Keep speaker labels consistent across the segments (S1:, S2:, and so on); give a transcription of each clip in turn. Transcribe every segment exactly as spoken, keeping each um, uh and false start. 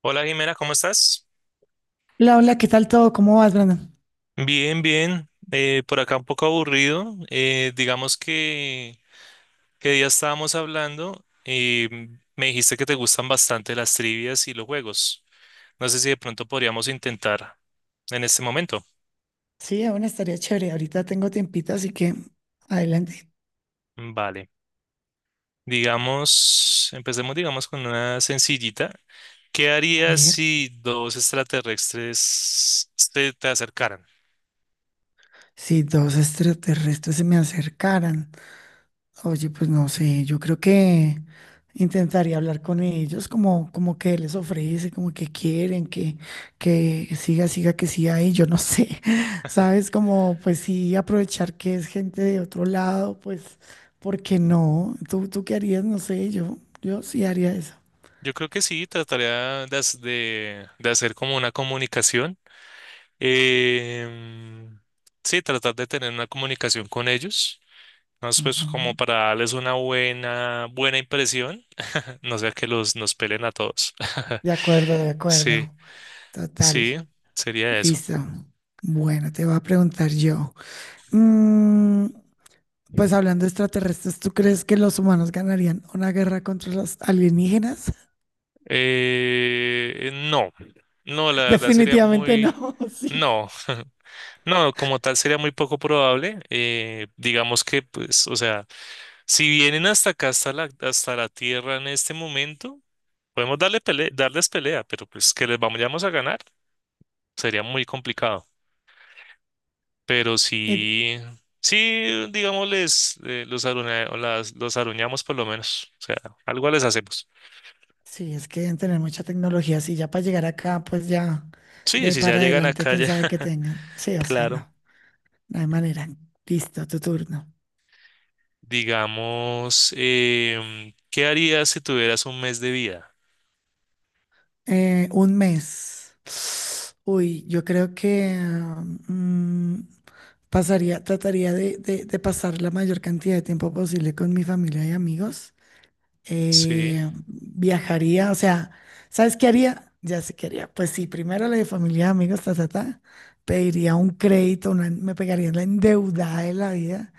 S1: Hola, Jimena, ¿cómo estás?
S2: Hola, hola, ¿qué tal todo? ¿Cómo vas, Brandon?
S1: Bien, bien. Eh, por acá un poco aburrido. Eh, digamos que, que ya estábamos hablando y me dijiste que te gustan bastante las trivias y los juegos. No sé si de pronto podríamos intentar en este momento.
S2: Sí, aún estaría chévere. Ahorita tengo tiempita, así que adelante.
S1: Vale. Digamos, empecemos digamos con una sencillita. ¿Qué
S2: A
S1: harías
S2: ver,
S1: si dos extraterrestres se te acercaran?
S2: si dos extraterrestres se me acercaran. Oye, pues no sé, yo creo que intentaría hablar con ellos, como, como que les ofrece, como que quieren, que, que siga, siga, que siga ahí, yo no sé, ¿sabes? Como pues sí, aprovechar que es gente de otro lado, pues, ¿por qué no? ¿Tú, tú ¿qué harías? No sé, yo, yo sí haría eso.
S1: Yo creo que sí, trataría de, hac- de de hacer como una comunicación. Em, sí, tratar de tener una comunicación con ellos. Entonces, pues
S2: Ajá.
S1: como para darles una buena, buena impresión, no sea que los nos pelen a todos.
S2: De acuerdo, de
S1: Sí,
S2: acuerdo. Total.
S1: sí, sería eso.
S2: Listo. Bueno, te voy a preguntar yo. Mm, pues hablando de extraterrestres, ¿tú crees que los humanos ganarían una guerra contra los alienígenas?
S1: Eh, no, no, la verdad sería
S2: Definitivamente
S1: muy,
S2: no, sí.
S1: no, no, como tal sería muy poco probable. Eh, digamos que, pues, o sea, si vienen hasta acá, hasta la, hasta la tierra en este momento, podemos darle pele- darles pelea, pero pues que les vamos, a ganar. Sería muy complicado. Pero
S2: Eh,
S1: sí, sí, digamos, les, eh, los, aruña- o las- los aruñamos por lo menos. O sea, algo les hacemos.
S2: sí, es que deben tener mucha tecnología. Sí, ya para llegar acá, pues ya de
S1: Sí,
S2: ahí
S1: si ya
S2: para
S1: llegan
S2: adelante,
S1: acá,
S2: quién
S1: ya,
S2: sabe qué tengan. Sí, o sea,
S1: claro.
S2: no, no hay manera. Listo, tu turno.
S1: Digamos, em, ¿qué harías si tuvieras un mes de vida?
S2: Eh, un mes. Uy, yo creo que mm, pasaría, trataría de, de- de pasar la mayor cantidad de tiempo posible con mi familia y amigos.
S1: Sí,
S2: Eh, viajaría, o sea, ¿sabes qué haría? Ya sé qué haría. Pues sí, primero la de familia, amigos, ta, ta, ta. Pediría un crédito, una- me pegaría la endeudada de la vida.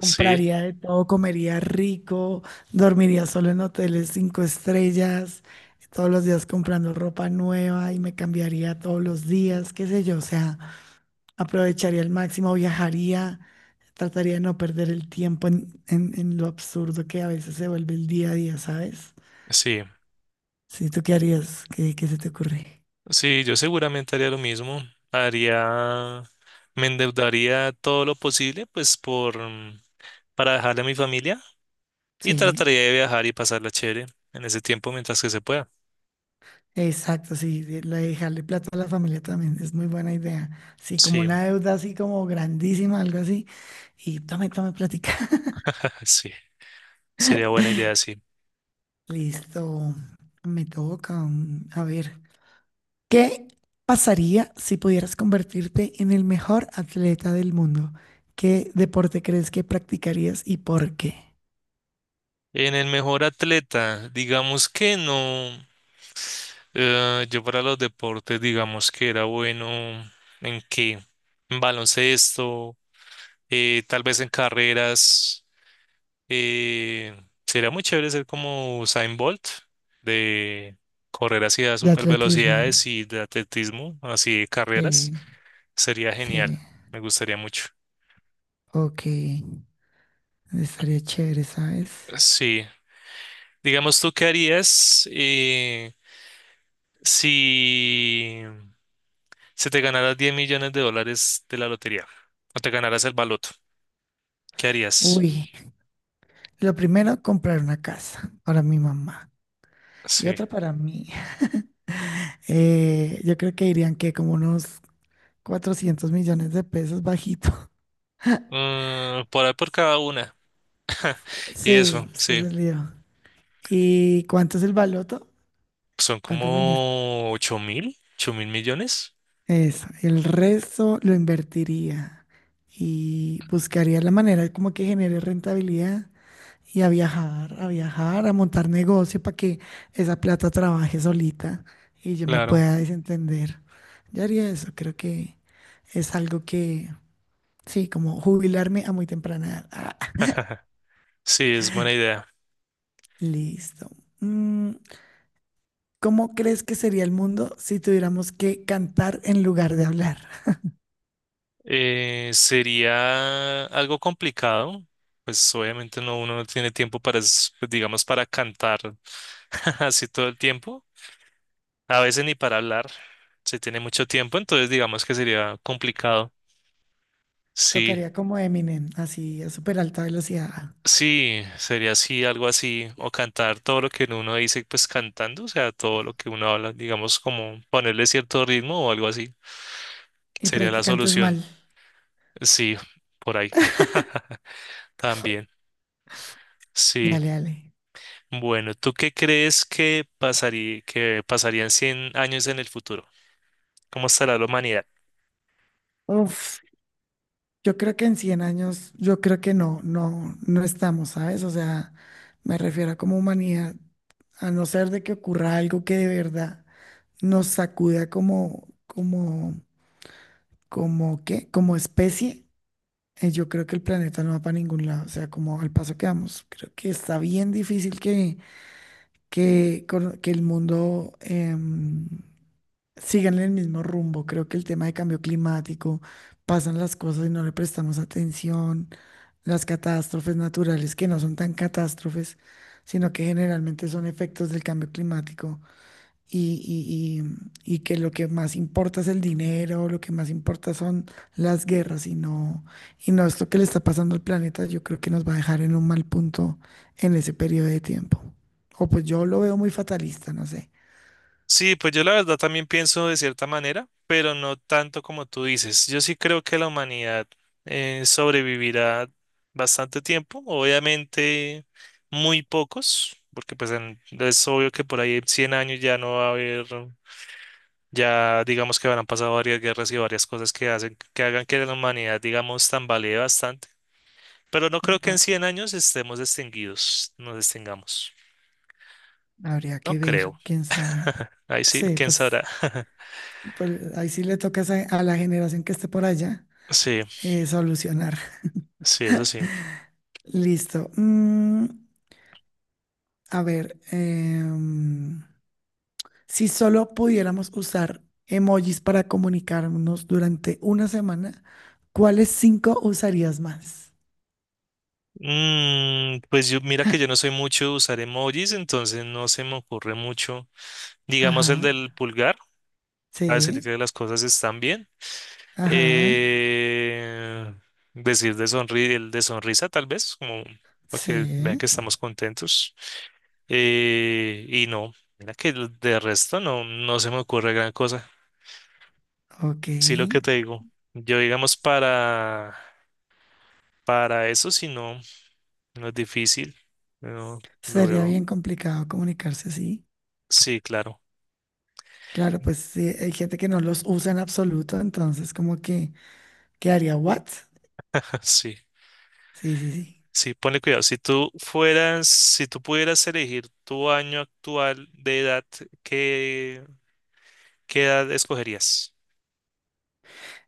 S1: sí,
S2: de todo, comería rico, dormiría solo en hoteles cinco estrellas, todos los días comprando ropa nueva y me cambiaría todos los días, qué sé yo, o sea, aprovecharía al máximo, viajaría, trataría de no perder el tiempo en, en- en lo absurdo que a veces se vuelve el día a día, ¿sabes?
S1: sí.
S2: Sí, ¿tú qué harías? ¿Qué, qué se te ocurre?
S1: Sí, yo seguramente haría lo mismo. Haría, Me endeudaría todo lo posible, pues, por, mm, para dejarle a mi familia. Y
S2: Sí.
S1: trataría de viajar y pasarla chévere en ese tiempo mientras que se pueda.
S2: Exacto, sí, de- la de dejarle plata a la familia también es muy buena idea. Sí, como
S1: Sí,
S2: una deuda así como grandísima, algo así. Y tome, tome plática.
S1: ah, sí, sería buena idea, sí.
S2: Listo, me toca. mm, A ver, ¿qué pasaría si pudieras convertirte en el mejor atleta del mundo? ¿Qué deporte crees que practicarías y por qué?
S1: En el mejor atleta, digamos que no. Eh, yo para los deportes, digamos que era bueno en qué, en baloncesto, eh, tal vez en carreras. eh, Sería muy chévere ser como Usain Bolt, de correr así a
S2: De
S1: super velocidades
S2: atletismo.
S1: y de atletismo, así de carreras.
S2: Sí,
S1: Sería genial,
S2: sí.
S1: me gustaría mucho.
S2: Ok, estaría chévere, ¿sabes?
S1: Sí, digamos, ¿tú qué harías, eh, si se te ganaras diez millones de dólares de la lotería o te ganaras el baloto? ¿Qué harías?
S2: Uy, lo primero, comprar una casa para mi mamá. Y
S1: Sí,
S2: otra para mí. Eh, yo creo que dirían que como unos cuatrocientos millones de pesos bajito.
S1: Mm, por ahí por cada una. Y
S2: Sí,
S1: eso,
S2: es que es
S1: sí,
S2: el lío. ¿Y cuánto es el baloto?
S1: son
S2: ¿Cuánto me dijiste?
S1: como ocho mil, ocho mil millones.
S2: Eso. El resto lo invertiría y buscaría la manera como que genere rentabilidad y a viajar, a viajar, a montar negocio para que esa plata trabaje solita y yo me
S1: Claro,
S2: pueda desentender. Yo haría eso. Creo que es algo que sí, como jubilarme a muy temprana edad. Ah,
S1: sí, es buena idea.
S2: listo. Mm, ¿cómo crees que sería el mundo si tuviéramos que cantar en lugar de hablar?
S1: Eh, sería algo complicado. Pues obviamente no, uno no tiene tiempo para, es- pues, digamos, para cantar así todo el tiempo. A veces ni para hablar se tiene mucho tiempo, entonces digamos que sería complicado. Sí,
S2: Tocaría como Eminem, así a súper alta velocidad.
S1: sí, sería así, algo así, o cantar todo lo que uno dice, pues cantando, o sea, todo lo que uno habla, digamos como ponerle cierto ritmo o algo así,
S2: Y por
S1: sería
S2: ahí que
S1: la
S2: cantes
S1: solución.
S2: mal.
S1: Sí, por ahí. También. Sí.
S2: Dale, dale.
S1: Bueno, ¿tú qué crees que pasaría, que pasarían cien años en el futuro? ¿Cómo estará la humanidad?
S2: Uf, yo creo que en cien años, yo creo que no, no, no estamos, ¿sabes? O sea, me refiero a como humanidad, a no ser de que ocurra algo que de verdad nos sacuda como, como, como, ¿qué? Como especie. Eh, yo creo que el planeta no va para ningún lado. O sea, como al paso que vamos, creo que está bien difícil que, que, cor- que el mundo em, siga en el mismo rumbo. Creo que el tema de cambio climático, pasan las cosas y no le prestamos atención. Las catástrofes naturales, que no son tan catástrofes, sino que generalmente son efectos del cambio climático y, y- y- y que lo que más importa es el dinero, lo que más importa son las guerras y no, y no esto que le está pasando al planeta, yo creo que nos va a dejar en un mal punto en ese periodo de tiempo. O pues yo lo veo muy fatalista, no sé.
S1: Sí, pues yo la verdad también pienso de cierta manera, pero no tanto como tú dices. Yo sí creo que la humanidad eh, sobrevivirá bastante tiempo, obviamente muy pocos, porque pues en- es obvio que por ahí en cien años ya no va a haber, ya digamos que habrán pasado varias guerras y varias cosas que hacen, que hagan que la humanidad, digamos, tambalee bastante. Pero no creo que en
S2: Ujú.
S1: cien años estemos extinguidos, nos extingamos.
S2: Habría
S1: No
S2: que ver,
S1: creo.
S2: quién sabe.
S1: Ahí sí,
S2: Sí,
S1: quién
S2: pues,
S1: sabrá.
S2: pues ahí sí le toca esa- a a la generación que esté por allá
S1: Sí,
S2: eh, solucionar.
S1: sí, eso sí.
S2: Listo. Mm, a ver, em, si solo pudiéramos usar emojis para comunicarnos durante una semana, ¿cuáles cinco usarías más?
S1: Mm, pues yo, mira que yo no soy mucho de usar emojis, entonces no se me ocurre mucho. Digamos el
S2: Ajá,
S1: del pulgar, para decirle
S2: sí,
S1: que las cosas están bien.
S2: ajá,
S1: Eh, Decir de sonri el de sonrisa, tal vez, como para que vean
S2: sí,
S1: que estamos contentos. Eh, y no, mira que el de resto no, no se me ocurre gran cosa.
S2: ok.
S1: Sí, lo que te digo. Yo, digamos, para, para eso, si no, no es difícil. No, lo
S2: Sería
S1: veo.
S2: bien complicado comunicarse así.
S1: Sí, claro.
S2: Claro, pues sí, hay gente que no los usa en absoluto, entonces como que quedaría what?
S1: Sí,
S2: Sí, sí, sí.
S1: sí, ponle cuidado. Si tú fueras, si tú pudieras elegir tu año actual de edad, ¿qué, qué edad escogerías?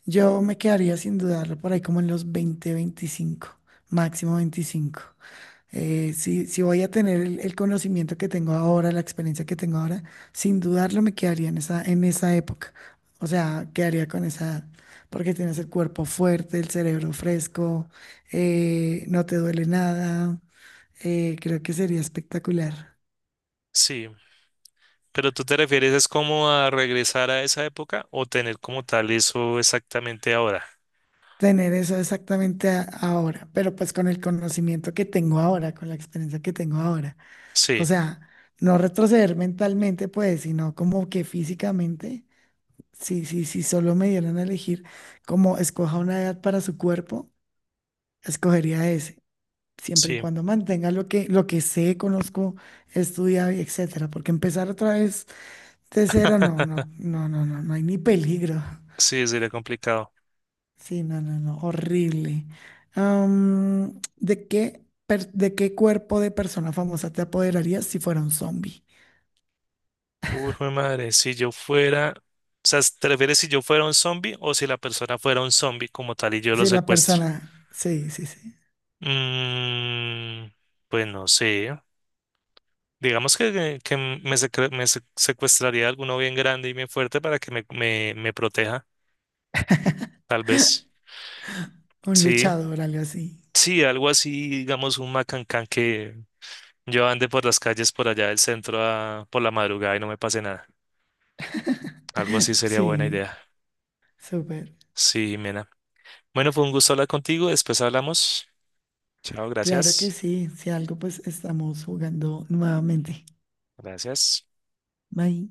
S2: Yo me quedaría sin dudarlo por ahí como en los veinte, veinticinco, máximo veinticinco. Eh, si, si voy a tener el, el conocimiento que tengo ahora, la experiencia que tengo ahora, sin dudarlo me quedaría en esa, en esa época. O sea, quedaría con esa edad, porque tienes el cuerpo fuerte, el cerebro fresco, eh, no te duele nada. Eh, creo que sería espectacular
S1: Sí, pero tú te refieres es como a regresar a esa época o tener como tal eso exactamente ahora.
S2: tener eso exactamente a- ahora, pero pues con el conocimiento que tengo ahora, con la experiencia que tengo ahora. O
S1: Sí,
S2: sea, no retroceder mentalmente, pues, sino como que físicamente. Sí, sí, sí, solo me dieran a elegir como escoja una edad para su cuerpo, escogería ese, siempre y
S1: sí,
S2: cuando mantenga lo que, lo que sé, conozco, he estudiado y etcétera, porque empezar otra vez de cero, no, no, no, no, no, no hay ni peligro.
S1: sí, sería complicado.
S2: Sí, no, no, no, horrible. Am, ¿de qué, per- ¿de qué cuerpo de persona famosa te apoderarías si fuera un zombie?
S1: Uy, jue madre, si yo fuera, o sea, ¿te refieres si yo fuera un zombie o si la persona fuera un zombie como tal y yo lo
S2: Si la
S1: secuestro?
S2: persona, sí, sí, sí,
S1: Mm, pues no sé. Digamos que, que me, secre- me se- secuestraría alguno bien grande y bien fuerte para que me, me, me proteja, tal vez.
S2: un
S1: Sí,
S2: luchador, algo así.
S1: sí, algo así, digamos, un macancán que yo ande por las calles por allá del centro a- por la madrugada y no me pase nada. Algo así sería buena
S2: Sí,
S1: idea.
S2: súper.
S1: Sí, Jimena. Bueno, fue un gusto hablar contigo. Después hablamos. Chao,
S2: Claro que
S1: gracias.
S2: sí, si algo pues estamos jugando nuevamente.
S1: Gracias.
S2: Bye.